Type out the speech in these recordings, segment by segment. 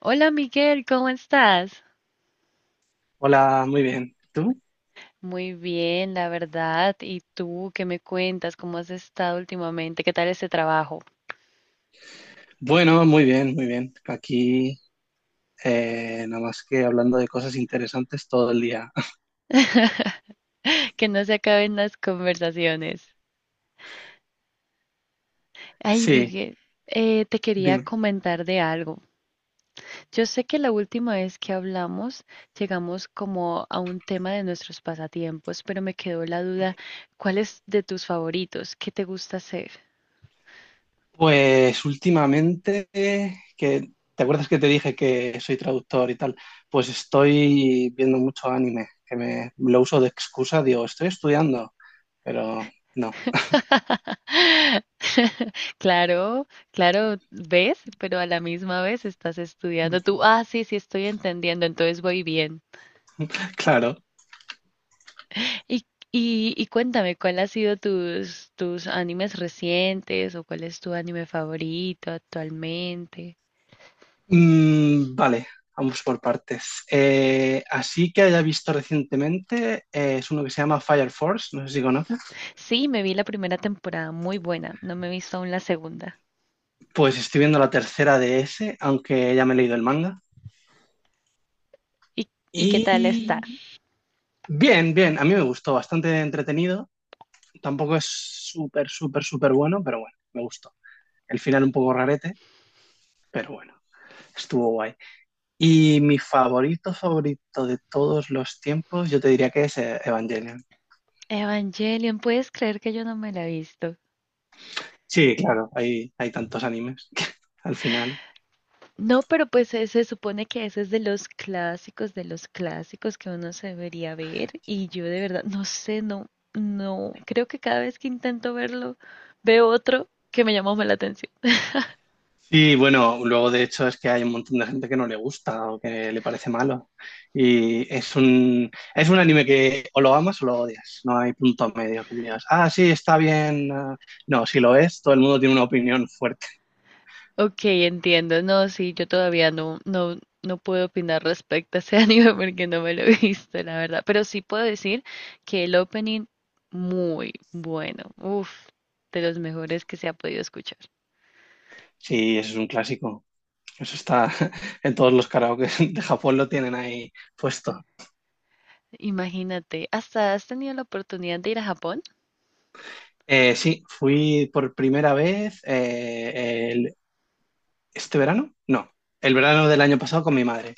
Hola Miguel, ¿cómo estás? Hola, muy bien. ¿Tú? Muy bien, la verdad. ¿Y tú qué me cuentas? ¿Cómo has estado últimamente? ¿Qué tal ese trabajo? Bueno, muy bien, muy bien. Aquí, nada más que hablando de cosas interesantes todo el día. Que no se acaben las conversaciones. Ay, Sí, Miguel, te quería dime. comentar de algo. Yo sé que la última vez que hablamos llegamos como a un tema de nuestros pasatiempos, pero me quedó la duda, ¿cuál es de tus favoritos? ¿Qué te gusta hacer? Pues últimamente, que, ¿te acuerdas que te dije que soy traductor y tal? Pues estoy viendo mucho anime, que me lo uso de excusa, digo, estoy estudiando, pero no. Claro, claro, ves, pero a la misma vez estás estudiando tú. Ah, sí, sí, estoy entendiendo, entonces voy bien. Claro. Y, y cuéntame, ¿cuál ha sido tus animes recientes o cuál es tu anime favorito actualmente? Mm, vale, vamos por partes. Así que haya visto recientemente, es uno que se llama Fire Force, no sé si conoces. Sí, me vi la primera temporada, muy buena, no me he visto aún la segunda. Pues estoy viendo la tercera de ese, aunque ya me he leído el manga. ¿Y, ¿y qué tal está? Y bien, bien, a mí me gustó, bastante entretenido. Tampoco es súper, súper, súper bueno, pero bueno, me gustó. El final un poco rarete, pero bueno, estuvo guay. Y mi favorito, favorito de todos los tiempos, yo te diría que es Evangelion. Evangelion, ¿puedes creer que yo no me la he visto? Sí, claro, hay tantos animes que al final No, pero pues se supone que ese es de los clásicos que uno se debería ver y yo de verdad no sé, no, no, creo que cada vez que intento verlo veo otro que me llama más la atención. sí, bueno, luego de hecho es que hay un montón de gente que no le gusta o que le parece malo. Y es es un anime que o lo amas o lo odias. No hay punto medio que digas, ah, sí, está bien. Ah". No, si lo es, todo el mundo tiene una opinión fuerte. Ok, entiendo, no, sí, yo todavía no puedo opinar respecto a ese anime porque no me lo he visto, la verdad, pero sí puedo decir que el opening muy bueno, uff, de los mejores que se ha podido escuchar. Sí, eso es un clásico. Eso está en todos los karaoke de Japón lo tienen ahí puesto. Imagínate, ¿hasta has tenido la oportunidad de ir a Japón? Sí, fui por primera vez este verano, no, el verano del año pasado con mi madre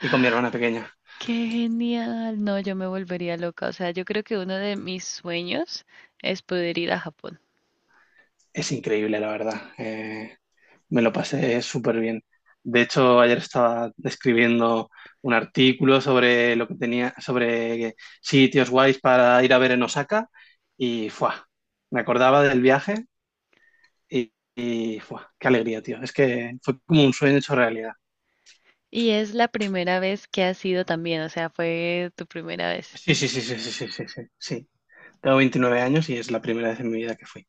y con mi hermana pequeña. Qué genial. No, yo me volvería loca. O sea, yo creo que uno de mis sueños es poder ir a Japón. Es increíble, la verdad. Me lo pasé súper bien. De hecho, ayer estaba escribiendo un artículo sobre lo que tenía, sobre sitios guays para ir a ver en Osaka y ¡fua! Me acordaba del viaje y ¡fua! Qué alegría, tío. Es que fue como un sueño hecho realidad. Y es la primera vez que has ido también. O sea, fue tu primera vez. Sí, sí, sí, sí, sí, sí, sí, sí, sí. Tengo 29 años y es la primera vez en mi vida que fui.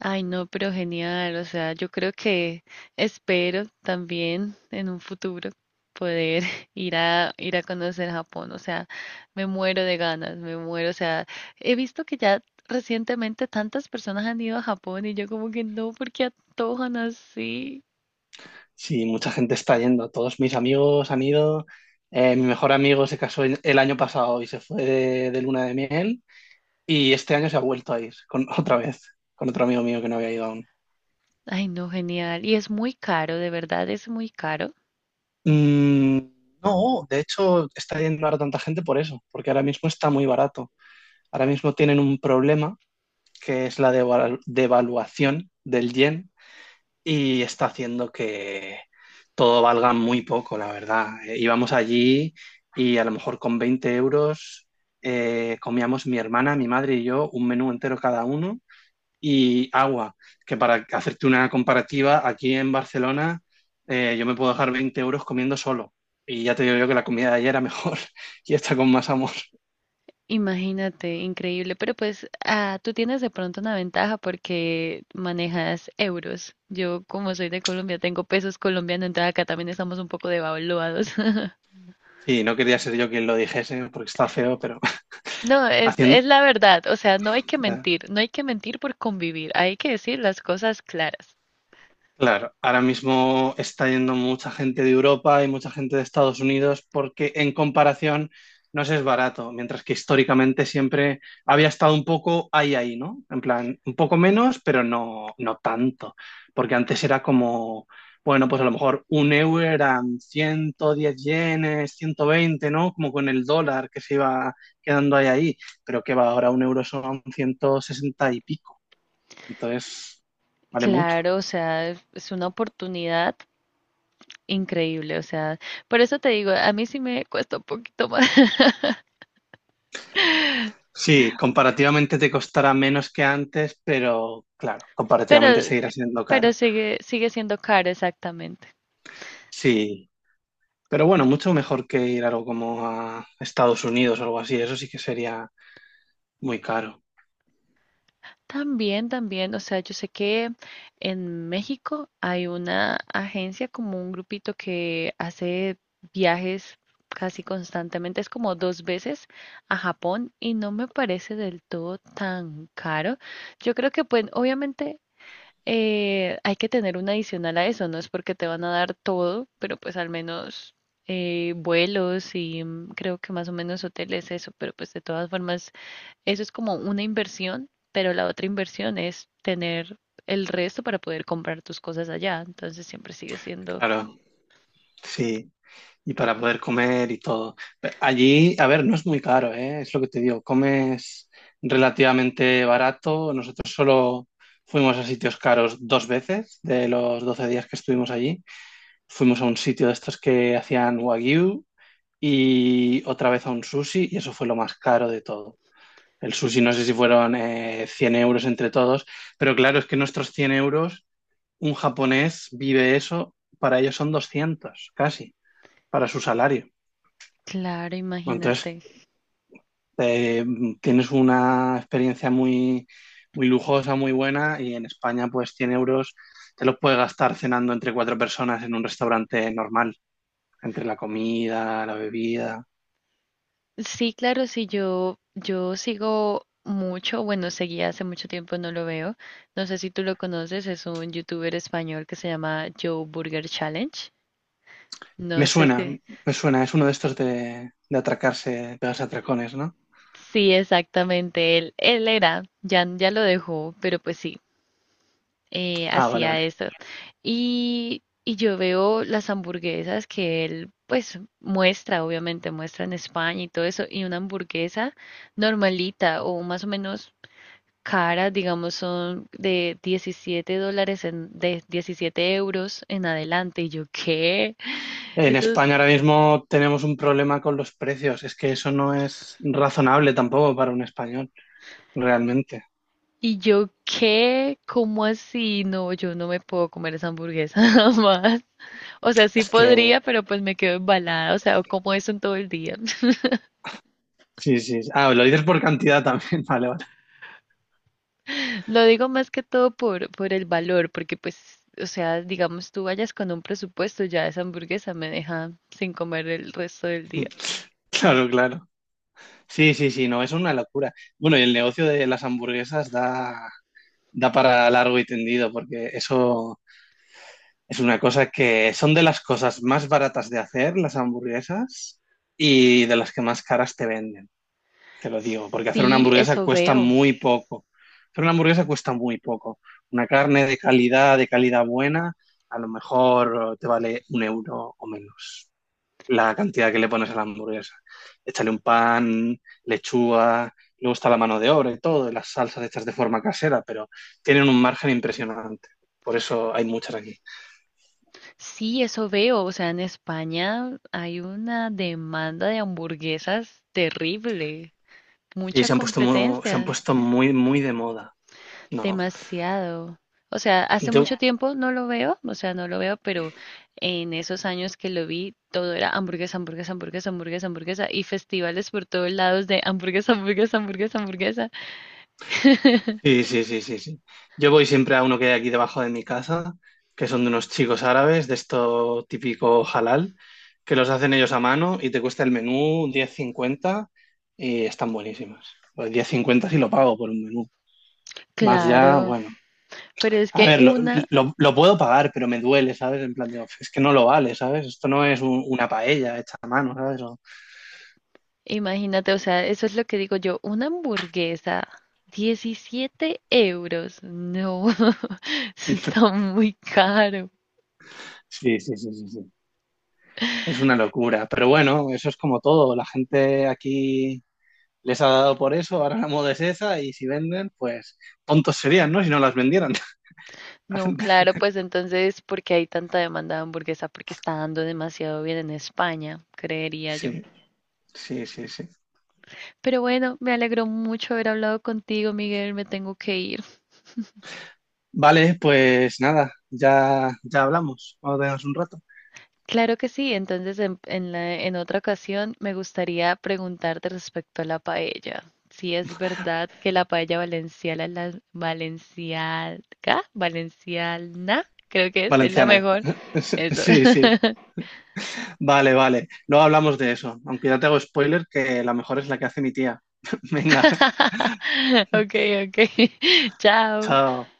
Ay, no, pero genial. O sea, yo creo que espero también en un futuro poder ir a conocer Japón. O sea, me muero de ganas, me muero. O sea, he visto que ya recientemente tantas personas han ido a Japón y yo como que no, ¿por qué antojan así? Sí, mucha gente está yendo. Todos mis amigos han ido. Mi mejor amigo se casó el año pasado y se fue de luna de miel. Y este año se ha vuelto a ir con, otra vez, con otro amigo mío que no había ido aún. Ay, no, genial. Y es muy caro, de verdad es muy caro. Mm, no, de hecho está yendo ahora tanta gente por eso, porque ahora mismo está muy barato. Ahora mismo tienen un problema que es la devaluación del yen y está haciendo que todo valga muy poco, la verdad. Íbamos allí y a lo mejor con 20 euros comíamos mi hermana, mi madre y yo un menú entero cada uno y agua, que para hacerte una comparativa, aquí en Barcelona, yo me puedo dejar 20 euros comiendo solo. Y ya te digo yo que la comida de ayer era mejor y está con más amor. Imagínate, increíble. Pero pues tú tienes de pronto una ventaja porque manejas euros. Yo, como soy de Colombia, tengo pesos colombianos, entonces acá también estamos un poco devaluados. Sí, no quería ser yo quien lo dijese porque está feo, pero No, haciendo, es la verdad. O sea, no hay que mentir. No hay que mentir por convivir. Hay que decir las cosas claras. claro, ahora mismo está yendo mucha gente de Europa y mucha gente de Estados Unidos porque en comparación no se es barato, mientras que históricamente siempre había estado un poco ahí ahí, ¿no? En plan, un poco menos, pero no, no tanto, porque antes era como, bueno, pues a lo mejor un euro eran 110 yenes, 120, ¿no? Como con el dólar, que se iba quedando ahí ahí, pero que va, ahora un euro son 160 y pico, entonces vale mucho. Claro, o sea, es una oportunidad increíble. O sea, por eso te digo, a mí sí me cuesta un poquito más. Sí, comparativamente te costará menos que antes, pero claro, comparativamente Pero seguirá siendo caro. Sigue siendo caro, exactamente. Sí, pero bueno, mucho mejor que ir algo como a Estados Unidos o algo así, eso sí que sería muy caro. También, también, o sea, yo sé que en México hay una agencia, como un grupito que hace viajes casi constantemente, es como dos veces a Japón y no me parece del todo tan caro. Yo creo que, pues, obviamente hay que tener un adicional a eso, no es porque te van a dar todo, pero pues al menos vuelos y mm, creo que más o menos hoteles, eso, pero pues de todas formas eso es como una inversión, pero la otra inversión es tener el resto para poder comprar tus cosas allá. Entonces siempre sigue siendo... Claro, sí, y para poder comer y todo. Pero allí, a ver, no es muy caro, ¿eh? Es lo que te digo, comes relativamente barato. Nosotros solo fuimos a sitios caros dos veces de los 12 días que estuvimos allí. Fuimos a un sitio de estos que hacían wagyu y otra vez a un sushi y eso fue lo más caro de todo. El sushi no sé si fueron 100 euros entre todos, pero claro, es que nuestros 100 euros, un japonés vive eso, para ellos son 200 casi, para su salario. Claro, Entonces, imagínate. eh, tienes una experiencia muy, muy lujosa, muy buena, y en España pues 100 euros te los puedes gastar cenando entre cuatro personas en un restaurante normal, entre la comida, la bebida. Sí, claro, sí, yo sigo mucho, bueno, seguía hace mucho tiempo, no lo veo. No sé si tú lo conoces, es un youtuber español que se llama Joe Burger Challenge. No Me sé suena, si... me suena, es uno de estos de atracarse, pegarse atracones, ¿no? Sí, exactamente, él era, ya lo dejó, pero pues sigue. Ah, vale, Hacía vale. esto. Y yo veo las hamburguesas que él, pues, muestra, obviamente, muestra en España y todo eso, y una hamburguesa normalita o más o menos cara, digamos, son de 17 dólares, en, de 17 euros en adelante. Y yo, ¿qué? En Eso es... España ahora mismo tenemos un problema con los precios, es que eso no es razonable tampoco para un español, realmente. ¿Y yo qué? ¿Cómo así? No, yo no me puedo comer esa hamburguesa jamás. O sea, sí Es que, podría, pero pues me quedo embalada. O sea, como eso en todo el día. sí, sí, ah, lo dices por cantidad también, vale, vale, Lo digo más que todo por, el valor, porque pues, o sea, digamos tú vayas con un presupuesto, ya esa hamburguesa me deja sin comer el resto del día. claro, claro. Sí, sí, sí, no, es una locura. Bueno, y el negocio de las hamburguesas da, da para largo y tendido, porque eso... es una cosa que son de las cosas más baratas de hacer, las hamburguesas, y de las que más caras te venden, te lo digo, porque hacer una Sí, hamburguesa eso cuesta veo. muy poco. Hacer una hamburguesa cuesta muy poco. Una carne de calidad buena, a lo mejor te vale un euro o menos la cantidad que le pones a la hamburguesa. Échale un pan, lechuga, luego está la mano de obra y todo, y las salsas hechas de forma casera, pero tienen un margen impresionante. Por eso hay muchas aquí. Sí, eso veo. O sea, en España hay una demanda de hamburguesas terrible, Sí, mucha se han puesto muy, se han competencia. puesto muy, muy de moda. No, Demasiado. O sea, hace yo, mucho ya, tiempo no lo veo, o sea, no lo veo, pero en esos años que lo vi, todo era hamburguesa, hamburguesa, hamburguesa, hamburguesa, hamburguesa, y festivales por todos lados de hamburguesa, hamburguesa, hamburguesa, hamburguesa. sí, sí, sí, sí, sí. Yo voy siempre a uno que hay aquí debajo de mi casa, que son de unos chicos árabes, de esto típico halal, que los hacen ellos a mano y te cuesta el menú 10,50 y están buenísimas. Pues 10,50 sí lo pago por un menú. Más ya, ya, Claro, bueno. pero es A que ver, una, sí, lo puedo pagar, pero me duele, ¿sabes? En plan, digo, es que no lo vale, ¿sabes? Esto no es una paella hecha a mano, ¿sabes? O imagínate, o sea, eso es lo que digo yo, una hamburguesa, 17 euros, no, eso está muy caro. sí, sí, sí, sí, sí. Es una locura, pero bueno, eso es como todo. La gente aquí les ha dado por eso, ahora la moda es esa y si venden, pues tontos serían, ¿no? Si no las vendieran la No, gente. claro, pues entonces, ¿por qué hay tanta demanda de hamburguesa? Porque está dando demasiado bien en España, creería yo. Sí, sí, sí, sí. Pero bueno, me alegró mucho haber hablado contigo, Miguel, me tengo que ir. Vale, pues nada, ya, ya hablamos. Vamos a un rato. Claro que sí, entonces en otra ocasión me gustaría preguntarte respecto a la paella. Si es verdad que la paella valenciana, creo que es la Valenciana. mejor. Eso. Sí, sí. Vale, vale. Luego hablamos de eso. Aunque ya te hago spoiler que la mejor es la que hace mi tía. Venga, Ok, ok. Chao. chao.